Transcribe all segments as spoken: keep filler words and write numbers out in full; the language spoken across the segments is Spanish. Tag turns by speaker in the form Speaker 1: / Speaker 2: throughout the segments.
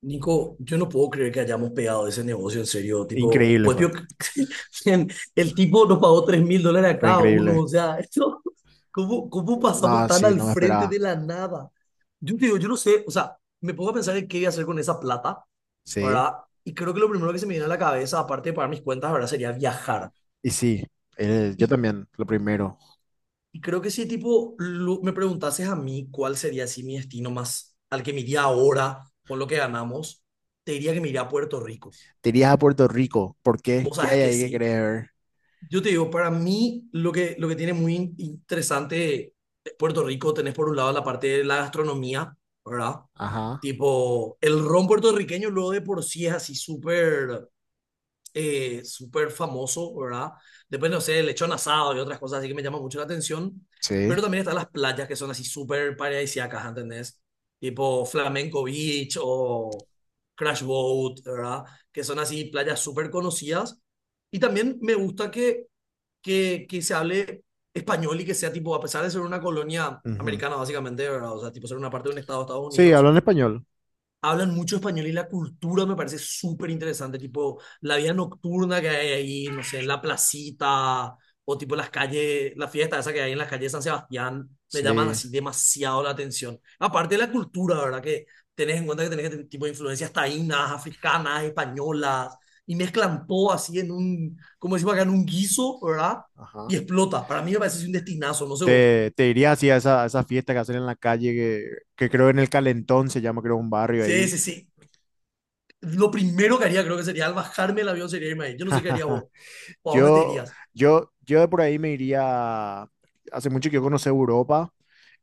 Speaker 1: Nico, yo no puedo creer que hayamos pegado ese negocio en serio. Tipo,
Speaker 2: Increíble
Speaker 1: pues
Speaker 2: fue,
Speaker 1: yo- miren, el tipo nos pagó tres mil dólares a
Speaker 2: fue
Speaker 1: cada uno.
Speaker 2: increíble.
Speaker 1: O sea, esto, ¿cómo, cómo pasamos
Speaker 2: No,
Speaker 1: tan
Speaker 2: sí,
Speaker 1: al
Speaker 2: no me
Speaker 1: frente
Speaker 2: esperaba.
Speaker 1: de la nada? Yo te digo, yo no sé, o sea, me pongo a pensar en qué voy a hacer con esa plata,
Speaker 2: Sí,
Speaker 1: ¿verdad? Y creo que lo primero que se me viene a la cabeza, aparte de pagar mis cuentas, ¿verdad? Sería viajar.
Speaker 2: y sí, eh, yo
Speaker 1: Y,
Speaker 2: también, lo primero.
Speaker 1: y creo que si, tipo, lo- me preguntases a mí cuál sería así mi destino más al que me iría ahora con lo que ganamos, te diría que me iría a Puerto Rico.
Speaker 2: Te irías a Puerto Rico, ¿por qué?
Speaker 1: Vos
Speaker 2: ¿Qué
Speaker 1: sabes
Speaker 2: hay
Speaker 1: que
Speaker 2: ahí que
Speaker 1: sí.
Speaker 2: querés ver?
Speaker 1: Yo te digo, para mí lo que, lo que tiene muy in- interesante de Puerto Rico, tenés por un lado la parte de la gastronomía, ¿verdad?
Speaker 2: Ajá,
Speaker 1: Tipo, el ron puertorriqueño luego de por sí es así súper eh, súper famoso, ¿verdad? Después, no sé, el lechón asado y otras cosas así que me llama mucho la atención. Pero
Speaker 2: sí.
Speaker 1: también están las playas que son así súper paradisíacas, ¿entendés? Tipo Flamenco Beach o Crash Boat, ¿verdad? Que son así playas súper conocidas. Y también me gusta que, que, que se hable español y que sea tipo, a pesar de ser una colonia
Speaker 2: Ujú.
Speaker 1: americana básicamente, ¿verdad? O sea, tipo ser una parte de un estado de Estados
Speaker 2: Sí,
Speaker 1: Unidos,
Speaker 2: hablan español.
Speaker 1: hablan mucho español y la cultura me parece súper interesante, tipo la vida nocturna que hay ahí, no sé, en la placita o tipo las calles, la fiesta esa que hay en las calles de San Sebastián, me llaman
Speaker 2: Sí,
Speaker 1: así demasiado la atención. Aparte de la cultura, ¿verdad? Que tenés en cuenta que tenés este tipo de influencias taínas, africanas, españolas, y mezclan todo así en un, como decimos acá, en un guiso, ¿verdad?
Speaker 2: ajá.
Speaker 1: Y explota. Para mí me parece así un destinazo, no sé vos.
Speaker 2: Te, te irías así a esa, a esa fiesta que hacen en la calle, que, que creo en el Calentón se llama, creo, un barrio
Speaker 1: Sí,
Speaker 2: ahí.
Speaker 1: sí, sí. Lo primero que haría creo que sería al bajarme el avión sería irme ahí. Yo no sé qué haría vos. ¿O a dónde te
Speaker 2: Yo,
Speaker 1: irías?
Speaker 2: yo, yo de por ahí me iría. Hace mucho que yo conocí Europa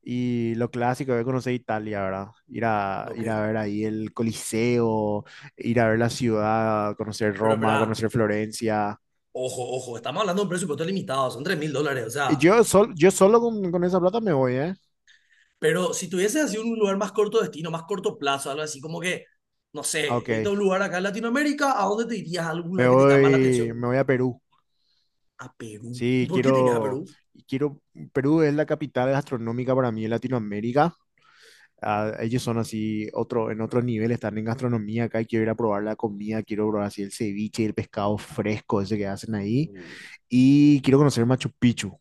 Speaker 2: y lo clásico, yo conocí Italia, ¿verdad? Ir a,
Speaker 1: Ok,
Speaker 2: ir a ver ahí el Coliseo, ir a ver la ciudad, conocer
Speaker 1: pero
Speaker 2: Roma,
Speaker 1: espera,
Speaker 2: conocer Florencia.
Speaker 1: ojo, ojo, estamos hablando de un presupuesto limitado, son tres mil dólares, o
Speaker 2: Y
Speaker 1: sea,
Speaker 2: yo, sol- yo solo con, con esa plata me voy, ¿eh?
Speaker 1: pero si tuvieses así un lugar más corto destino, más corto plazo, algo así como que, no
Speaker 2: Ah,
Speaker 1: sé,
Speaker 2: ok,
Speaker 1: irte a un lugar acá en Latinoamérica, ¿a dónde te irías? ¿A algún
Speaker 2: me
Speaker 1: lugar que te llama la
Speaker 2: voy,
Speaker 1: atención?
Speaker 2: me voy a Perú.
Speaker 1: A Perú. ¿Y
Speaker 2: Sí,
Speaker 1: por qué te irías a
Speaker 2: quiero,
Speaker 1: Perú?
Speaker 2: quiero. Perú es la capital gastronómica para mí en Latinoamérica. Ah, ellos son así, otro, en otro nivel, están en gastronomía acá y quiero ir a probar la comida, quiero probar así el ceviche, el pescado fresco ese que hacen
Speaker 1: Uh,
Speaker 2: ahí y quiero conocer Machu Picchu.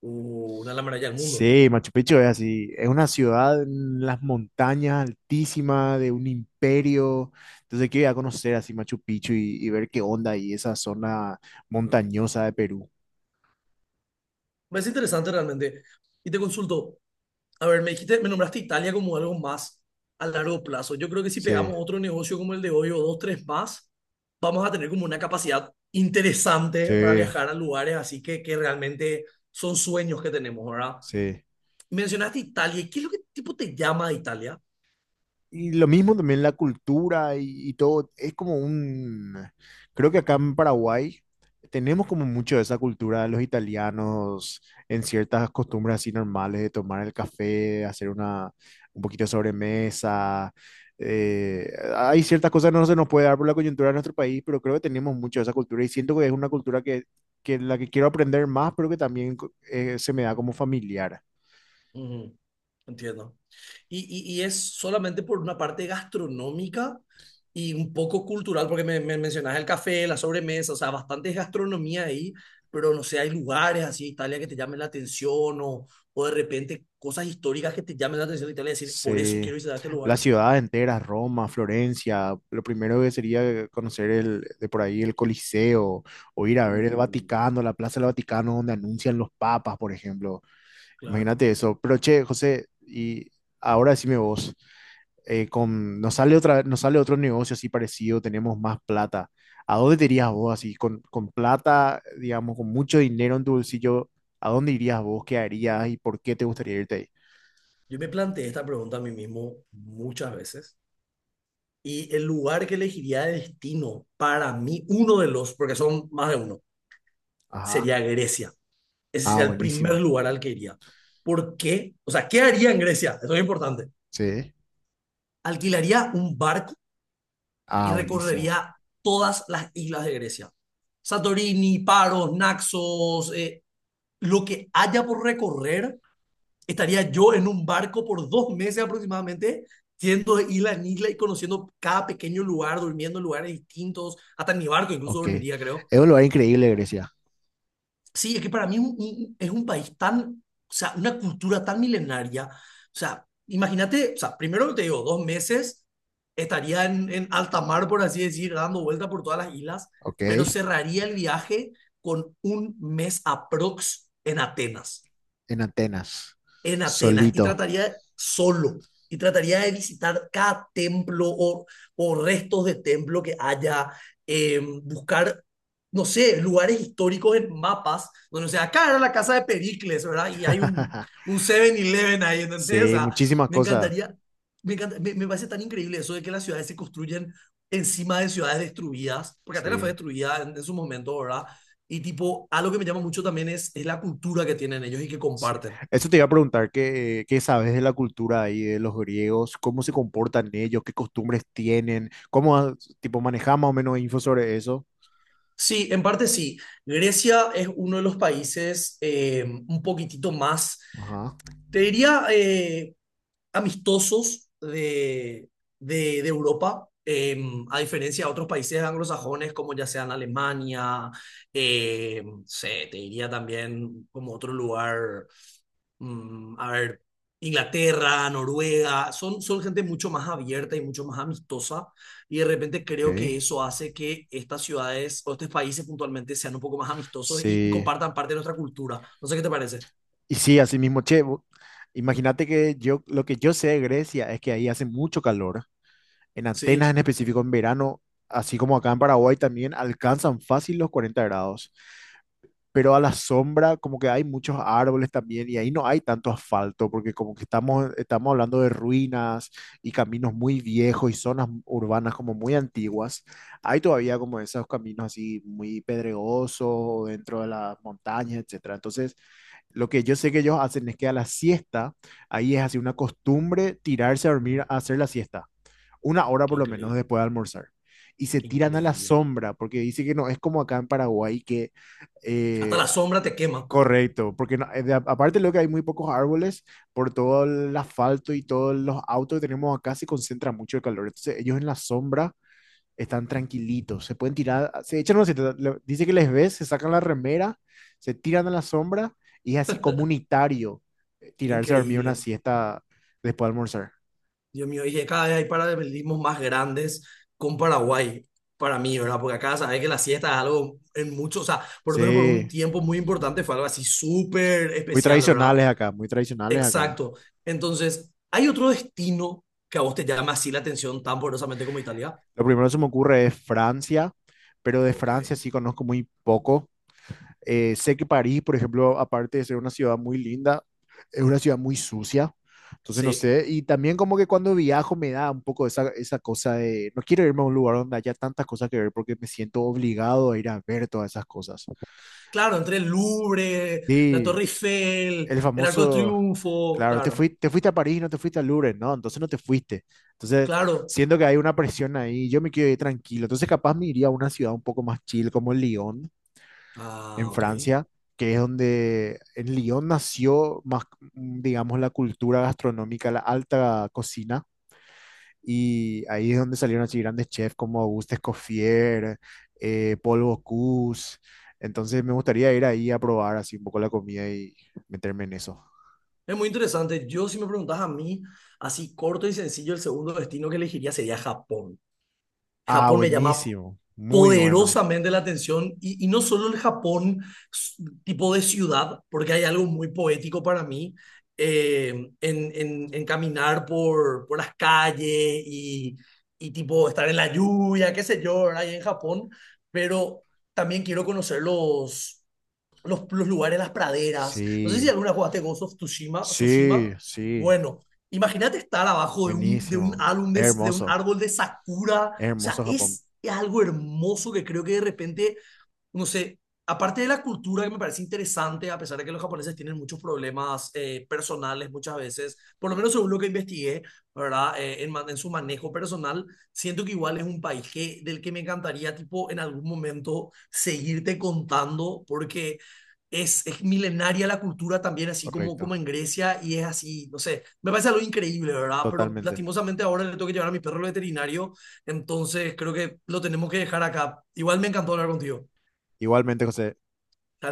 Speaker 1: uh, una de las maravillas del mundo.
Speaker 2: Sí, Machu Picchu es así, es una ciudad en las montañas altísima de un imperio, entonces quiero ir a conocer así Machu Picchu y, y ver qué onda ahí esa zona montañosa de Perú.
Speaker 1: Me parece interesante realmente. Y te consulto, a ver, me dijiste, me nombraste Italia como algo más a largo plazo. Yo creo que si
Speaker 2: Sí,
Speaker 1: pegamos otro negocio como el de hoy o dos, tres más, vamos a tener como una capacidad interesante para
Speaker 2: sí,
Speaker 1: viajar a lugares así que, que realmente son sueños que tenemos, ¿verdad?
Speaker 2: sí.
Speaker 1: Mencionaste Italia. ¿Qué es lo que tipo te llama de Italia?
Speaker 2: Y lo mismo también la cultura y, y todo, es como un, creo que acá en Paraguay tenemos como mucho de esa cultura de los italianos en ciertas costumbres así normales de tomar el café, hacer una, un poquito de sobremesa. eh, Hay ciertas cosas que no se nos puede dar por la coyuntura de nuestro país, pero creo que tenemos mucho de esa cultura y siento que es una cultura que, que la que quiero aprender más, pero que también co- eh, se me da como familiar.
Speaker 1: Ujú, entiendo. Y, y, y es solamente por una parte gastronómica y un poco cultural, porque me, me mencionas el café, la sobremesa, o sea, bastante gastronomía ahí, pero no sé, hay lugares así, Italia, que te llamen la atención o o de repente cosas históricas que te llamen la atención de Italia y decir, por eso
Speaker 2: Sí,
Speaker 1: quiero visitar este
Speaker 2: las
Speaker 1: lugar.
Speaker 2: ciudades enteras, Roma, Florencia, lo primero que sería conocer el, de por ahí el Coliseo o ir a ver el
Speaker 1: Uh,
Speaker 2: Vaticano, la Plaza del Vaticano donde anuncian los papas, por ejemplo.
Speaker 1: claro.
Speaker 2: Imagínate eso. Pero che, José, y ahora decime vos, eh, con, nos sale otra, nos sale otro negocio así parecido, tenemos más plata. ¿A dónde te irías vos así, con, con plata, digamos, con mucho dinero en tu bolsillo? ¿A dónde irías vos? ¿Qué harías y por qué te gustaría irte ahí?
Speaker 1: Yo me planteé esta pregunta a mí mismo muchas veces y el lugar que elegiría de destino para mí, uno de los, porque son más de uno,
Speaker 2: Ajá.
Speaker 1: sería Grecia. Ese
Speaker 2: Ah,
Speaker 1: sería el primer
Speaker 2: buenísimo.
Speaker 1: lugar al que iría. ¿Por qué? O sea, ¿qué haría en Grecia? Eso es importante.
Speaker 2: Sí.
Speaker 1: Alquilaría un barco y
Speaker 2: Ah, buenísimo.
Speaker 1: recorrería todas las islas de Grecia. Santorini, Paros, Naxos, eh, lo que haya por recorrer, estaría yo en un barco por dos meses aproximadamente, yendo de isla en isla y conociendo cada pequeño lugar, durmiendo en lugares distintos, hasta en mi barco incluso
Speaker 2: Ok.
Speaker 1: dormiría, creo.
Speaker 2: Es un lugar increíble, Grecia.
Speaker 1: Sí, es que para mí un- un- es un país tan, o sea, una cultura tan milenaria. O sea, imagínate, o sea, primero te digo, dos meses estaría en, en alta mar, por así decir, dando vuelta por todas las islas, pero
Speaker 2: Ok.
Speaker 1: cerraría el viaje con un mes aprox en Atenas
Speaker 2: En Atenas.
Speaker 1: en Atenas y
Speaker 2: Solito.
Speaker 1: trataría solo y trataría de visitar cada templo o o restos de templo que haya, eh, buscar, no sé, lugares históricos en mapas, donde, o sea, acá era la casa de Pericles, ¿verdad? Y hay un, un siete-Eleven ahí, ¿entendés? O
Speaker 2: Sí,
Speaker 1: sea,
Speaker 2: muchísimas
Speaker 1: me
Speaker 2: cosas.
Speaker 1: encantaría, me, encanta- me, me parece tan increíble eso de que las ciudades se construyen encima de ciudades destruidas, porque Atenas fue
Speaker 2: Sí,
Speaker 1: destruida en, en su momento, ¿verdad? Y tipo, algo que me llama mucho también es, es la cultura que tienen ellos y que
Speaker 2: sí.
Speaker 1: comparten.
Speaker 2: Eso te iba a preguntar, ¿qué, qué sabes de la cultura ahí, de los griegos? ¿Cómo se comportan ellos? ¿Qué costumbres tienen? ¿Cómo, ah, tipo, manejas más o menos info sobre eso?
Speaker 1: Sí, en parte sí. Grecia es uno de los países eh, un poquitito más,
Speaker 2: Ajá.
Speaker 1: te diría, eh, amistosos de, de- de Europa, eh, a diferencia de otros países anglosajones como ya sean Alemania, eh, no sé, te diría también como otro lugar, mm, a ver, Inglaterra, Noruega, son, son gente mucho más abierta y mucho más amistosa y de repente creo que
Speaker 2: Ok.
Speaker 1: eso hace que estas ciudades o estos países puntualmente sean un poco más amistosos y, y
Speaker 2: Sí.
Speaker 1: compartan parte de nuestra cultura. No sé qué te parece.
Speaker 2: Y sí, así mismo, che, vo- imagínate que yo, lo que yo sé de Grecia es que ahí hace mucho calor. En Atenas
Speaker 1: Sí.
Speaker 2: en específico en verano, así como acá en Paraguay también, alcanzan fácil los cuarenta grados. Pero a la sombra como que hay muchos árboles también y ahí no hay tanto asfalto porque como que estamos, estamos hablando de ruinas y caminos muy viejos y zonas urbanas como muy antiguas. Hay todavía como esos caminos así muy pedregosos dentro de las montañas, etcétera. Entonces, lo que yo sé que ellos hacen es que a la siesta, ahí es así una costumbre tirarse a dormir
Speaker 1: Ujú.
Speaker 2: a hacer la siesta una hora
Speaker 1: Qué
Speaker 2: por lo menos
Speaker 1: increíble,
Speaker 2: después de almorzar. Y se
Speaker 1: qué
Speaker 2: tiran a la
Speaker 1: increíble.
Speaker 2: sombra, porque dice que no, es como acá en Paraguay, que
Speaker 1: Hasta
Speaker 2: eh,
Speaker 1: la
Speaker 2: ah,
Speaker 1: sombra te quema.
Speaker 2: correcto, porque no- eh, de- aparte de lo que hay muy pocos árboles, por todo el asfalto y todos los autos que tenemos acá se concentra mucho el calor. Entonces ellos en la sombra están tranquilitos, se pueden tirar, ah, se echan, no, se te- le- dice que les ves, se sacan la remera, se tiran a la sombra y es así comunitario eh,
Speaker 1: Qué
Speaker 2: tirarse a dormir una
Speaker 1: increíble.
Speaker 2: siesta después de almorzar.
Speaker 1: Dios mío, y que cada vez hay paralelismos más grandes con Paraguay, para mí, ¿verdad? Porque acá sabes que la siesta es algo en mucho, o sea, por lo menos por un
Speaker 2: Sí,
Speaker 1: tiempo muy importante fue algo así súper
Speaker 2: muy
Speaker 1: especial, ¿verdad?
Speaker 2: tradicionales acá, muy tradicionales acá.
Speaker 1: Exacto. Entonces, ¿hay otro destino que a vos te llama así la atención tan poderosamente como Italia?
Speaker 2: Lo primero que se me ocurre es Francia, pero de
Speaker 1: Ok.
Speaker 2: Francia sí conozco muy poco. Eh, sé que París, por ejemplo, aparte de ser una ciudad muy linda, es una ciudad muy sucia. Entonces no
Speaker 1: Sí.
Speaker 2: sé, y también como que cuando viajo me da un poco esa, esa cosa de, no quiero irme a un lugar donde haya tantas cosas que ver porque me siento obligado a ir a ver todas esas cosas.
Speaker 1: Claro, entre el Louvre, la
Speaker 2: Sí,
Speaker 1: Torre Eiffel,
Speaker 2: el
Speaker 1: el Arco de
Speaker 2: famoso,
Speaker 1: Triunfo,
Speaker 2: claro, te
Speaker 1: claro,
Speaker 2: fui- te fuiste a París, no te fuiste al Louvre, no, entonces no te fuiste. Entonces,
Speaker 1: claro.
Speaker 2: siento que hay una presión ahí, yo me quiero ir tranquilo. Entonces, capaz me iría a una ciudad un poco más chill como Lyon, en
Speaker 1: Ah, ok.
Speaker 2: Francia, que es donde en Lyon nació más, mm, digamos, la cultura gastronómica, la alta cocina. Y ahí es donde salieron así grandes chefs como Auguste Escoffier, eh, Paul Bocuse. Entonces me gustaría ir ahí a probar así un poco la comida y meterme en eso.
Speaker 1: Es muy interesante. Yo, si me preguntas a mí, así corto y sencillo, el segundo destino que elegiría sería Japón.
Speaker 2: Ah,
Speaker 1: Japón me llama
Speaker 2: buenísimo. Muy bueno.
Speaker 1: poderosamente la atención y, y no solo el Japón tipo de ciudad, porque hay algo muy poético para mí eh, en, en, en caminar por, por las calles y, y tipo estar en la lluvia, qué sé yo, ahí en Japón, pero también quiero conocer los, los, los lugares, las praderas. No sé si
Speaker 2: Sí,
Speaker 1: alguna jugaste Ghost of Tsushima,
Speaker 2: sí,
Speaker 1: Tsushima.
Speaker 2: sí.
Speaker 1: Bueno, imagínate estar abajo de un, de un
Speaker 2: Buenísimo.
Speaker 1: álbum de, de un
Speaker 2: Hermoso.
Speaker 1: árbol de sakura. O sea,
Speaker 2: Hermoso Japón.
Speaker 1: es algo hermoso que creo que de repente no sé, aparte de la cultura que me parece interesante, a pesar de que los japoneses tienen muchos problemas eh, personales muchas veces, por lo menos según lo que investigué, ¿verdad? Eh, en, ma- en su manejo personal, siento que igual es un país que, del que me encantaría, tipo, en algún momento seguirte contando, porque... Es, es milenaria la cultura también, así como, como
Speaker 2: Correcto.
Speaker 1: en Grecia, y es así, no sé, me parece algo increíble, ¿verdad? Pero
Speaker 2: Totalmente.
Speaker 1: lastimosamente ahora le tengo que llevar a mi perro al veterinario, entonces creo que lo tenemos que dejar acá. Igual me encantó hablar contigo.
Speaker 2: Igualmente, José.
Speaker 1: Está